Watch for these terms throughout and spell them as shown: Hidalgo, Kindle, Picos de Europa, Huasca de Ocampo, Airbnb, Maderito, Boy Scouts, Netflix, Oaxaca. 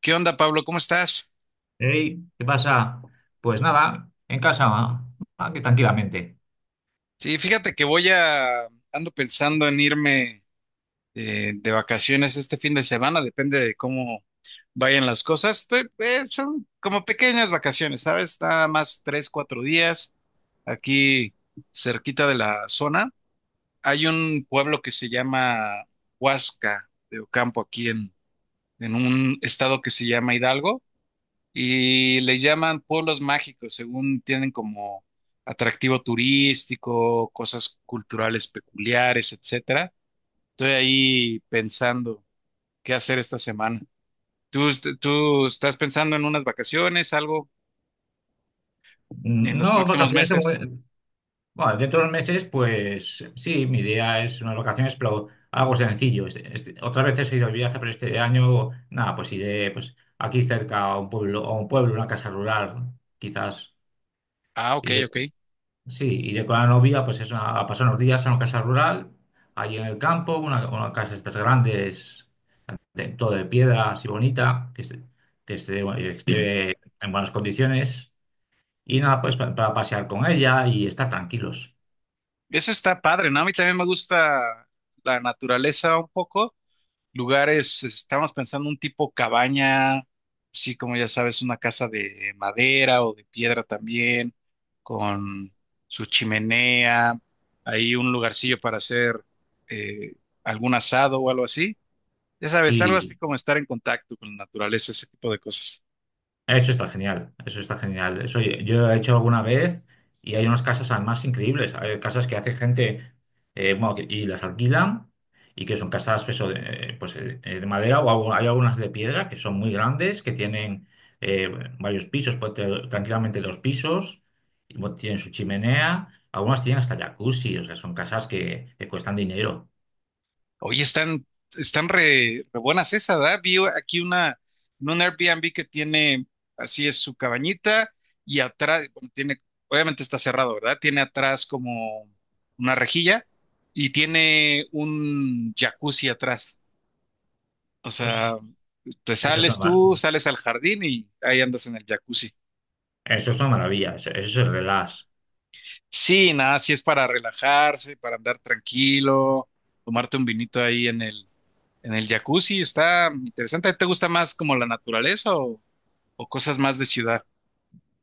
¿Qué onda, Pablo? ¿Cómo estás? Ey, ¿qué pasa? Pues nada, en casa, aquí tranquilamente. Sí, fíjate que ando pensando en irme de vacaciones este fin de semana, depende de cómo vayan las cosas. Son como pequeñas vacaciones, ¿sabes? Nada más 3, 4 días aquí cerquita de la zona. Hay un pueblo que se llama Huasca de Ocampo, aquí en un estado que se llama Hidalgo. Y le llaman pueblos mágicos, según tienen como atractivo turístico, cosas culturales peculiares, etcétera. Estoy ahí pensando qué hacer esta semana. ¿Tú estás pensando en unas vacaciones, algo en los No próximos vacaciones, meses? de bueno, dentro de unos meses, pues sí, mi idea es unas vacaciones, pero algo sencillo. Otras veces he ido de viaje, pero este año, nada, pues iré pues, aquí cerca a un pueblo, una casa rural, quizás. Ah, ok, Iré- ok. sí, iré con la novia, pues a pasar unos días a una casa rural, allí en el campo, una casa de estas grandes, de- todo de piedra así bonita, que esté, Bien. esté en buenas condiciones. Y nada, pues para pasear con ella y estar tranquilos. Eso está padre, ¿no? A mí también me gusta la naturaleza un poco. Lugares, estábamos pensando un tipo cabaña, sí, como ya sabes, una casa de madera o de piedra también, con su chimenea, ahí un lugarcillo para hacer eh, algún asado o algo así. Ya sabes, algo así Sí, como estar en contacto con la naturaleza, ese tipo de cosas. eso está genial, eso está genial. Eso yo he hecho alguna vez y hay unas casas además increíbles. Hay casas que hace gente bueno, y las alquilan y que son casas pues, eso, de madera o hay algunas de piedra que son muy grandes, que tienen eh, varios pisos, puede tener tranquilamente dos pisos, y bueno, tienen su chimenea, algunas tienen hasta jacuzzi. O sea, son casas que cuestan dinero. Oye, están re buenas esas, ¿verdad? Vi aquí una, en un Airbnb que tiene, así es su cabañita, y atrás, bueno, tiene, obviamente está cerrado, ¿verdad? Tiene atrás como una rejilla y tiene un jacuzzi atrás. O Pues sea, te eso es una, sales mar- tú, sales al jardín y ahí andas en el jacuzzi. eso es una maravilla, eso es relax. Sí, nada, sí es para relajarse, para andar tranquilo, tomarte un vinito ahí en el, en el jacuzzi está interesante. ¿Te gusta más como la naturaleza o cosas más de ciudad?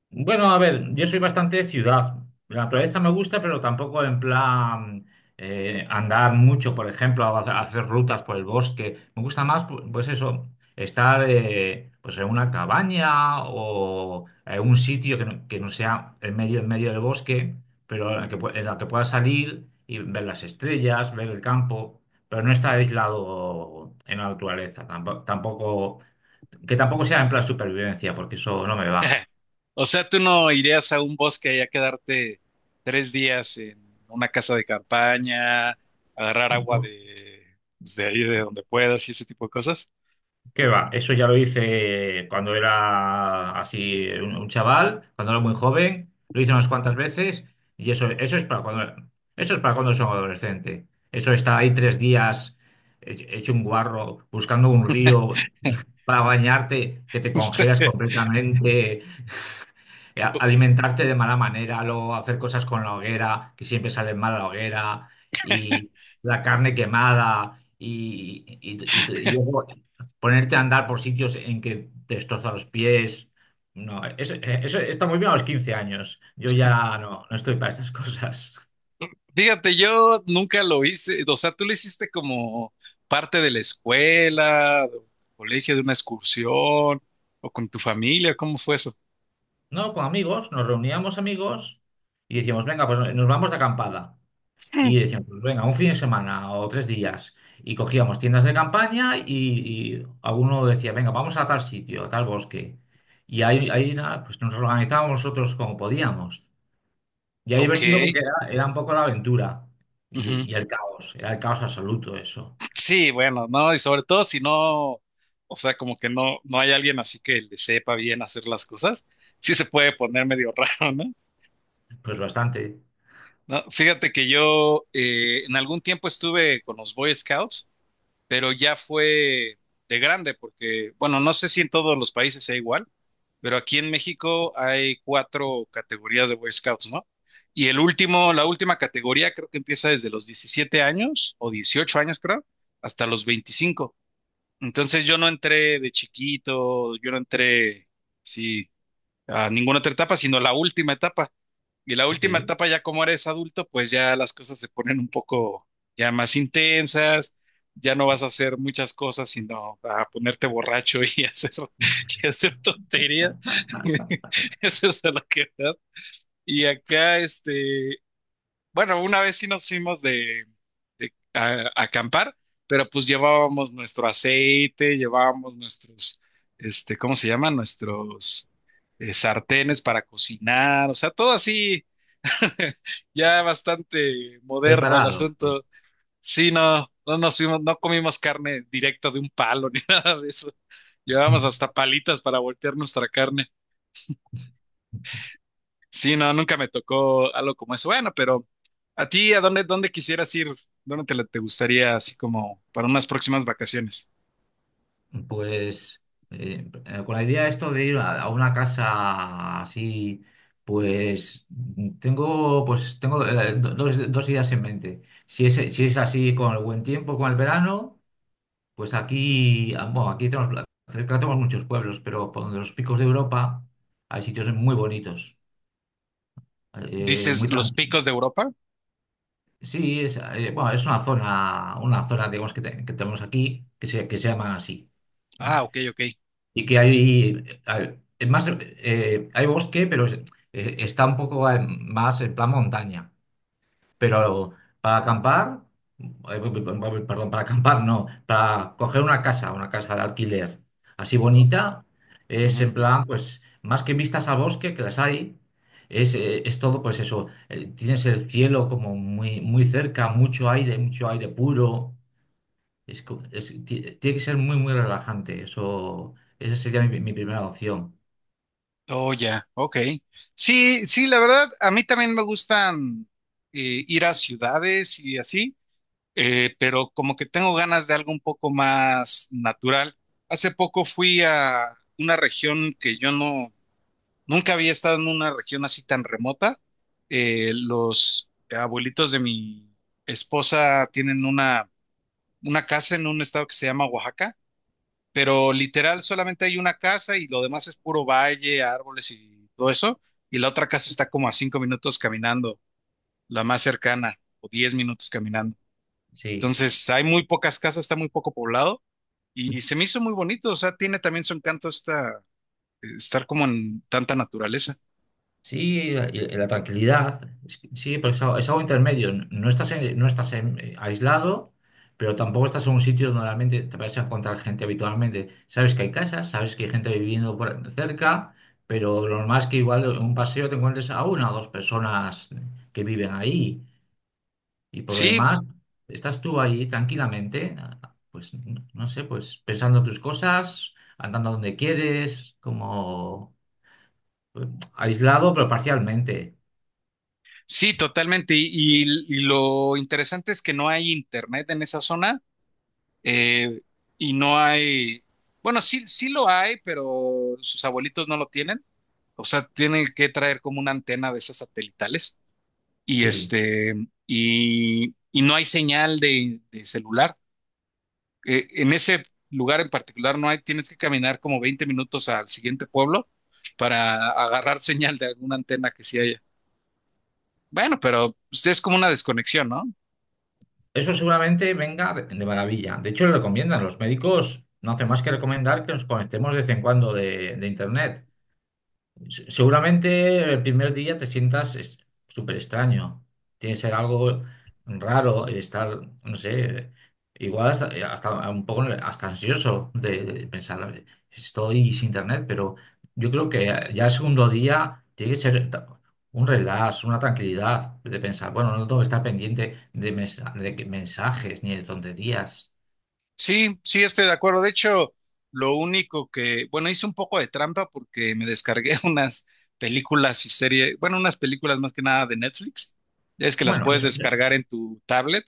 Bueno, a ver, yo soy bastante ciudad. La naturaleza me gusta, pero tampoco en plan andar mucho, por ejemplo, a hacer rutas por el bosque. Me gusta más, pues eso, estar pues en una cabaña o en un sitio que no sea en medio del bosque, pero en la que, en la que pueda salir y ver las estrellas, ver el campo, pero no estar aislado en la naturaleza. Tampoco, que tampoco sea en plan supervivencia, porque eso no me va. O sea, ¿tú no irías a un bosque y a quedarte tres días en una casa de campaña, agarrar agua de, pues, de ahí de donde puedas y ese tipo de cosas? ¿Qué va? Eso ya lo hice cuando era así un chaval, cuando era muy joven, lo hice unas cuantas veces. Y eso, eso es para cuando son adolescente. Eso está ahí tres días, hecho un guarro, buscando un río para bañarte, que te congelas completamente, alimentarte de mala manera, luego hacer cosas con la hoguera, que siempre salen mal a la hoguera, y la carne quemada, y luego ponerte a andar por sitios en que te destroza los pies. No, eso, eso está muy bien a los 15 años. Yo ya no, no estoy para estas cosas. Fíjate, yo nunca lo hice. O sea, ¿tú lo hiciste como parte de la escuela, del colegio, de una excursión o con tu familia? ¿Cómo fue eso? No, con amigos, nos reuníamos amigos y decíamos, venga, pues nos vamos de acampada. Y decíamos, pues venga, un fin de semana o tres días. Y cogíamos tiendas de campaña, y alguno decía, venga, vamos a tal sitio, a tal bosque. Y ahí, ahí nada, pues nos organizábamos nosotros como podíamos. Y era Ok. divertido porque era un poco la aventura Ujú. Y el caos, era el caos absoluto eso. Sí, bueno, no, y sobre todo si no, o sea, como que no hay alguien así que le sepa bien hacer las cosas, sí se puede poner medio raro, ¿no? Pues bastante, No, fíjate que yo en algún tiempo estuve con los Boy Scouts, pero ya fue de grande, porque, bueno, no sé si en todos los países sea igual, pero aquí en México hay cuatro categorías de Boy Scouts, ¿no? Y el último, la última categoría creo que empieza desde los 17 años o 18 años, creo, hasta los 25. Entonces yo no entré de chiquito, yo no entré, sí, a ninguna otra etapa, sino la última etapa. Y la última sí, etapa, ya como eres adulto, pues ya las cosas se ponen un poco ya más intensas, ya no vas a hacer muchas cosas, sino a ponerte borracho y hacer, y hacer tonterías. Eso es a lo que vas. Y acá, este, bueno, una vez sí nos fuimos de a acampar, pero pues llevábamos nuestro aceite, llevábamos nuestros, este, ¿cómo se llaman? Nuestros sartenes para cocinar, o sea, todo así, ya bastante moderno el preparados. asunto. Sí, no, no nos fuimos, no comimos carne directo de un palo ni nada de eso. Llevábamos hasta palitas para voltear nuestra carne. Sí, no, nunca me tocó algo como eso. Bueno, pero a ti, ¿a dónde quisieras ir? ¿Dónde te gustaría así como para unas próximas vacaciones? Pues con la idea esto de ir a una casa así, pues tengo, pues tengo dos, dos ideas en mente. Si es, si es así con el buen tiempo, con el verano, pues aquí, ah, bueno, aquí tenemos, cerca tenemos muchos pueblos, pero por donde los Picos de Europa hay sitios muy bonitos. eh, ¿Dices muy los tran- Picos de Europa? sí, es, bueno, es una zona, digamos, que tenemos aquí que se llama así. Ah, ok, ok. Y que es más, hay bosque, pero está un poco más en plan montaña. Pero para acampar, eh, perdón, para acampar no, para coger una casa de alquiler así bonita, es en Ujú. plan, pues, más que vistas al bosque, que las hay, es, tienes el cielo como muy, muy cerca, mucho aire puro. Es, co- es- ti- Tiene que ser muy, muy relajante. Eso, esa sería mi, mi primera opción. Oh, ya, ok. Sí, sí, la verdad, a mí también me gustan ir a ciudades y así, pero como que tengo ganas de algo un poco más natural. Hace poco fui a una región que yo no nunca había estado en una región así tan remota. Los abuelitos de mi esposa tienen una casa en un estado que se llama Oaxaca, pero literal solamente hay una casa y lo demás es puro valle, árboles y todo eso. Y la otra casa está como a 5 minutos caminando, la más cercana, o 10 minutos caminando. Sí. Entonces hay muy pocas casas, está muy poco poblado y se me hizo muy bonito. O sea, tiene también su encanto esta, estar como en tanta naturaleza. Sí, y la tranquilidad. Es que- sí, porque es algo intermedio. No estás, no estás aislado, pero tampoco estás en un sitio donde realmente te vas a encontrar gente habitualmente. Sabes que hay casas, sabes que hay gente viviendo por cerca, pero lo normal es que igual en un paseo te encuentres a una o dos personas que viven ahí. Y por lo Sí, demás, estás tú ahí tranquilamente, pues no sé, pues pensando tus cosas, andando donde quieres, como eh, aislado, pero parcialmente. sí, totalmente. Y lo interesante es que no hay internet en esa zona eh, y no hay, bueno, sí, sí lo hay, pero sus abuelitos no lo tienen. O sea, tienen que traer como una antena de esas satelitales y Sí. este, y no hay señal de celular. En ese lugar en particular no hay, tienes que caminar como 20 minutos al siguiente pueblo para agarrar señal de alguna antena que sí haya. Bueno, pero pues, es como una desconexión, ¿no? Eso seguramente venga de maravilla. De hecho, lo recomiendan. Los médicos no hacen más que recomendar que nos conectemos de vez en cuando de internet. Seguramente el primer día te sientas súper extraño. Tiene que ser algo raro el estar, no sé, igual hasta, hasta un poco hasta ansioso de pensar, estoy sin internet, pero yo creo que ya el segundo día tiene que ser un relax, una tranquilidad de pensar, bueno, no tengo que estar pendiente de, mensajes ni de tonterías. Sí, sí, estoy de acuerdo. De hecho, lo único que, bueno, hice un poco de trampa porque me descargué unas películas y series, bueno, unas películas más que nada de Netflix. Es que las Bueno, puedes eso, descargar en tu tablet.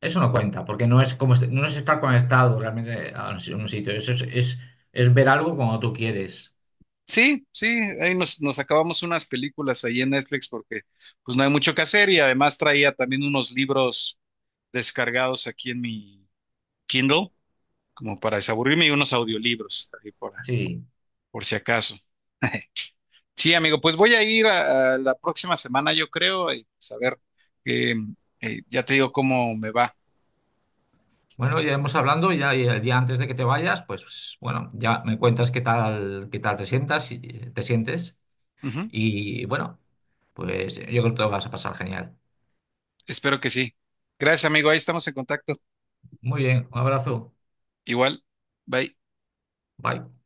Eso no cuenta, porque no es como no es estar conectado realmente a un un sitio. Eso es ver algo cuando tú quieres. Sí, sí, ahí nos acabamos unas películas ahí en Netflix porque pues no hay mucho que hacer y además traía también unos libros descargados aquí en mi Kindle como para desaburrirme y unos audiolibros ahí Sí. por si acaso. Sí, amigo, pues voy a ir a la próxima semana, yo creo, y pues a ver, eh, ya te digo cómo me va. Bueno, iremos hablando y ya y el día antes de que te vayas, pues bueno, ya me cuentas qué tal, te sientes. Ujú. Y bueno, pues yo creo que te lo vas a pasar genial. Espero que sí. Gracias, amigo, ahí estamos en contacto. Muy bien, un abrazo. Igual, bye. Bye.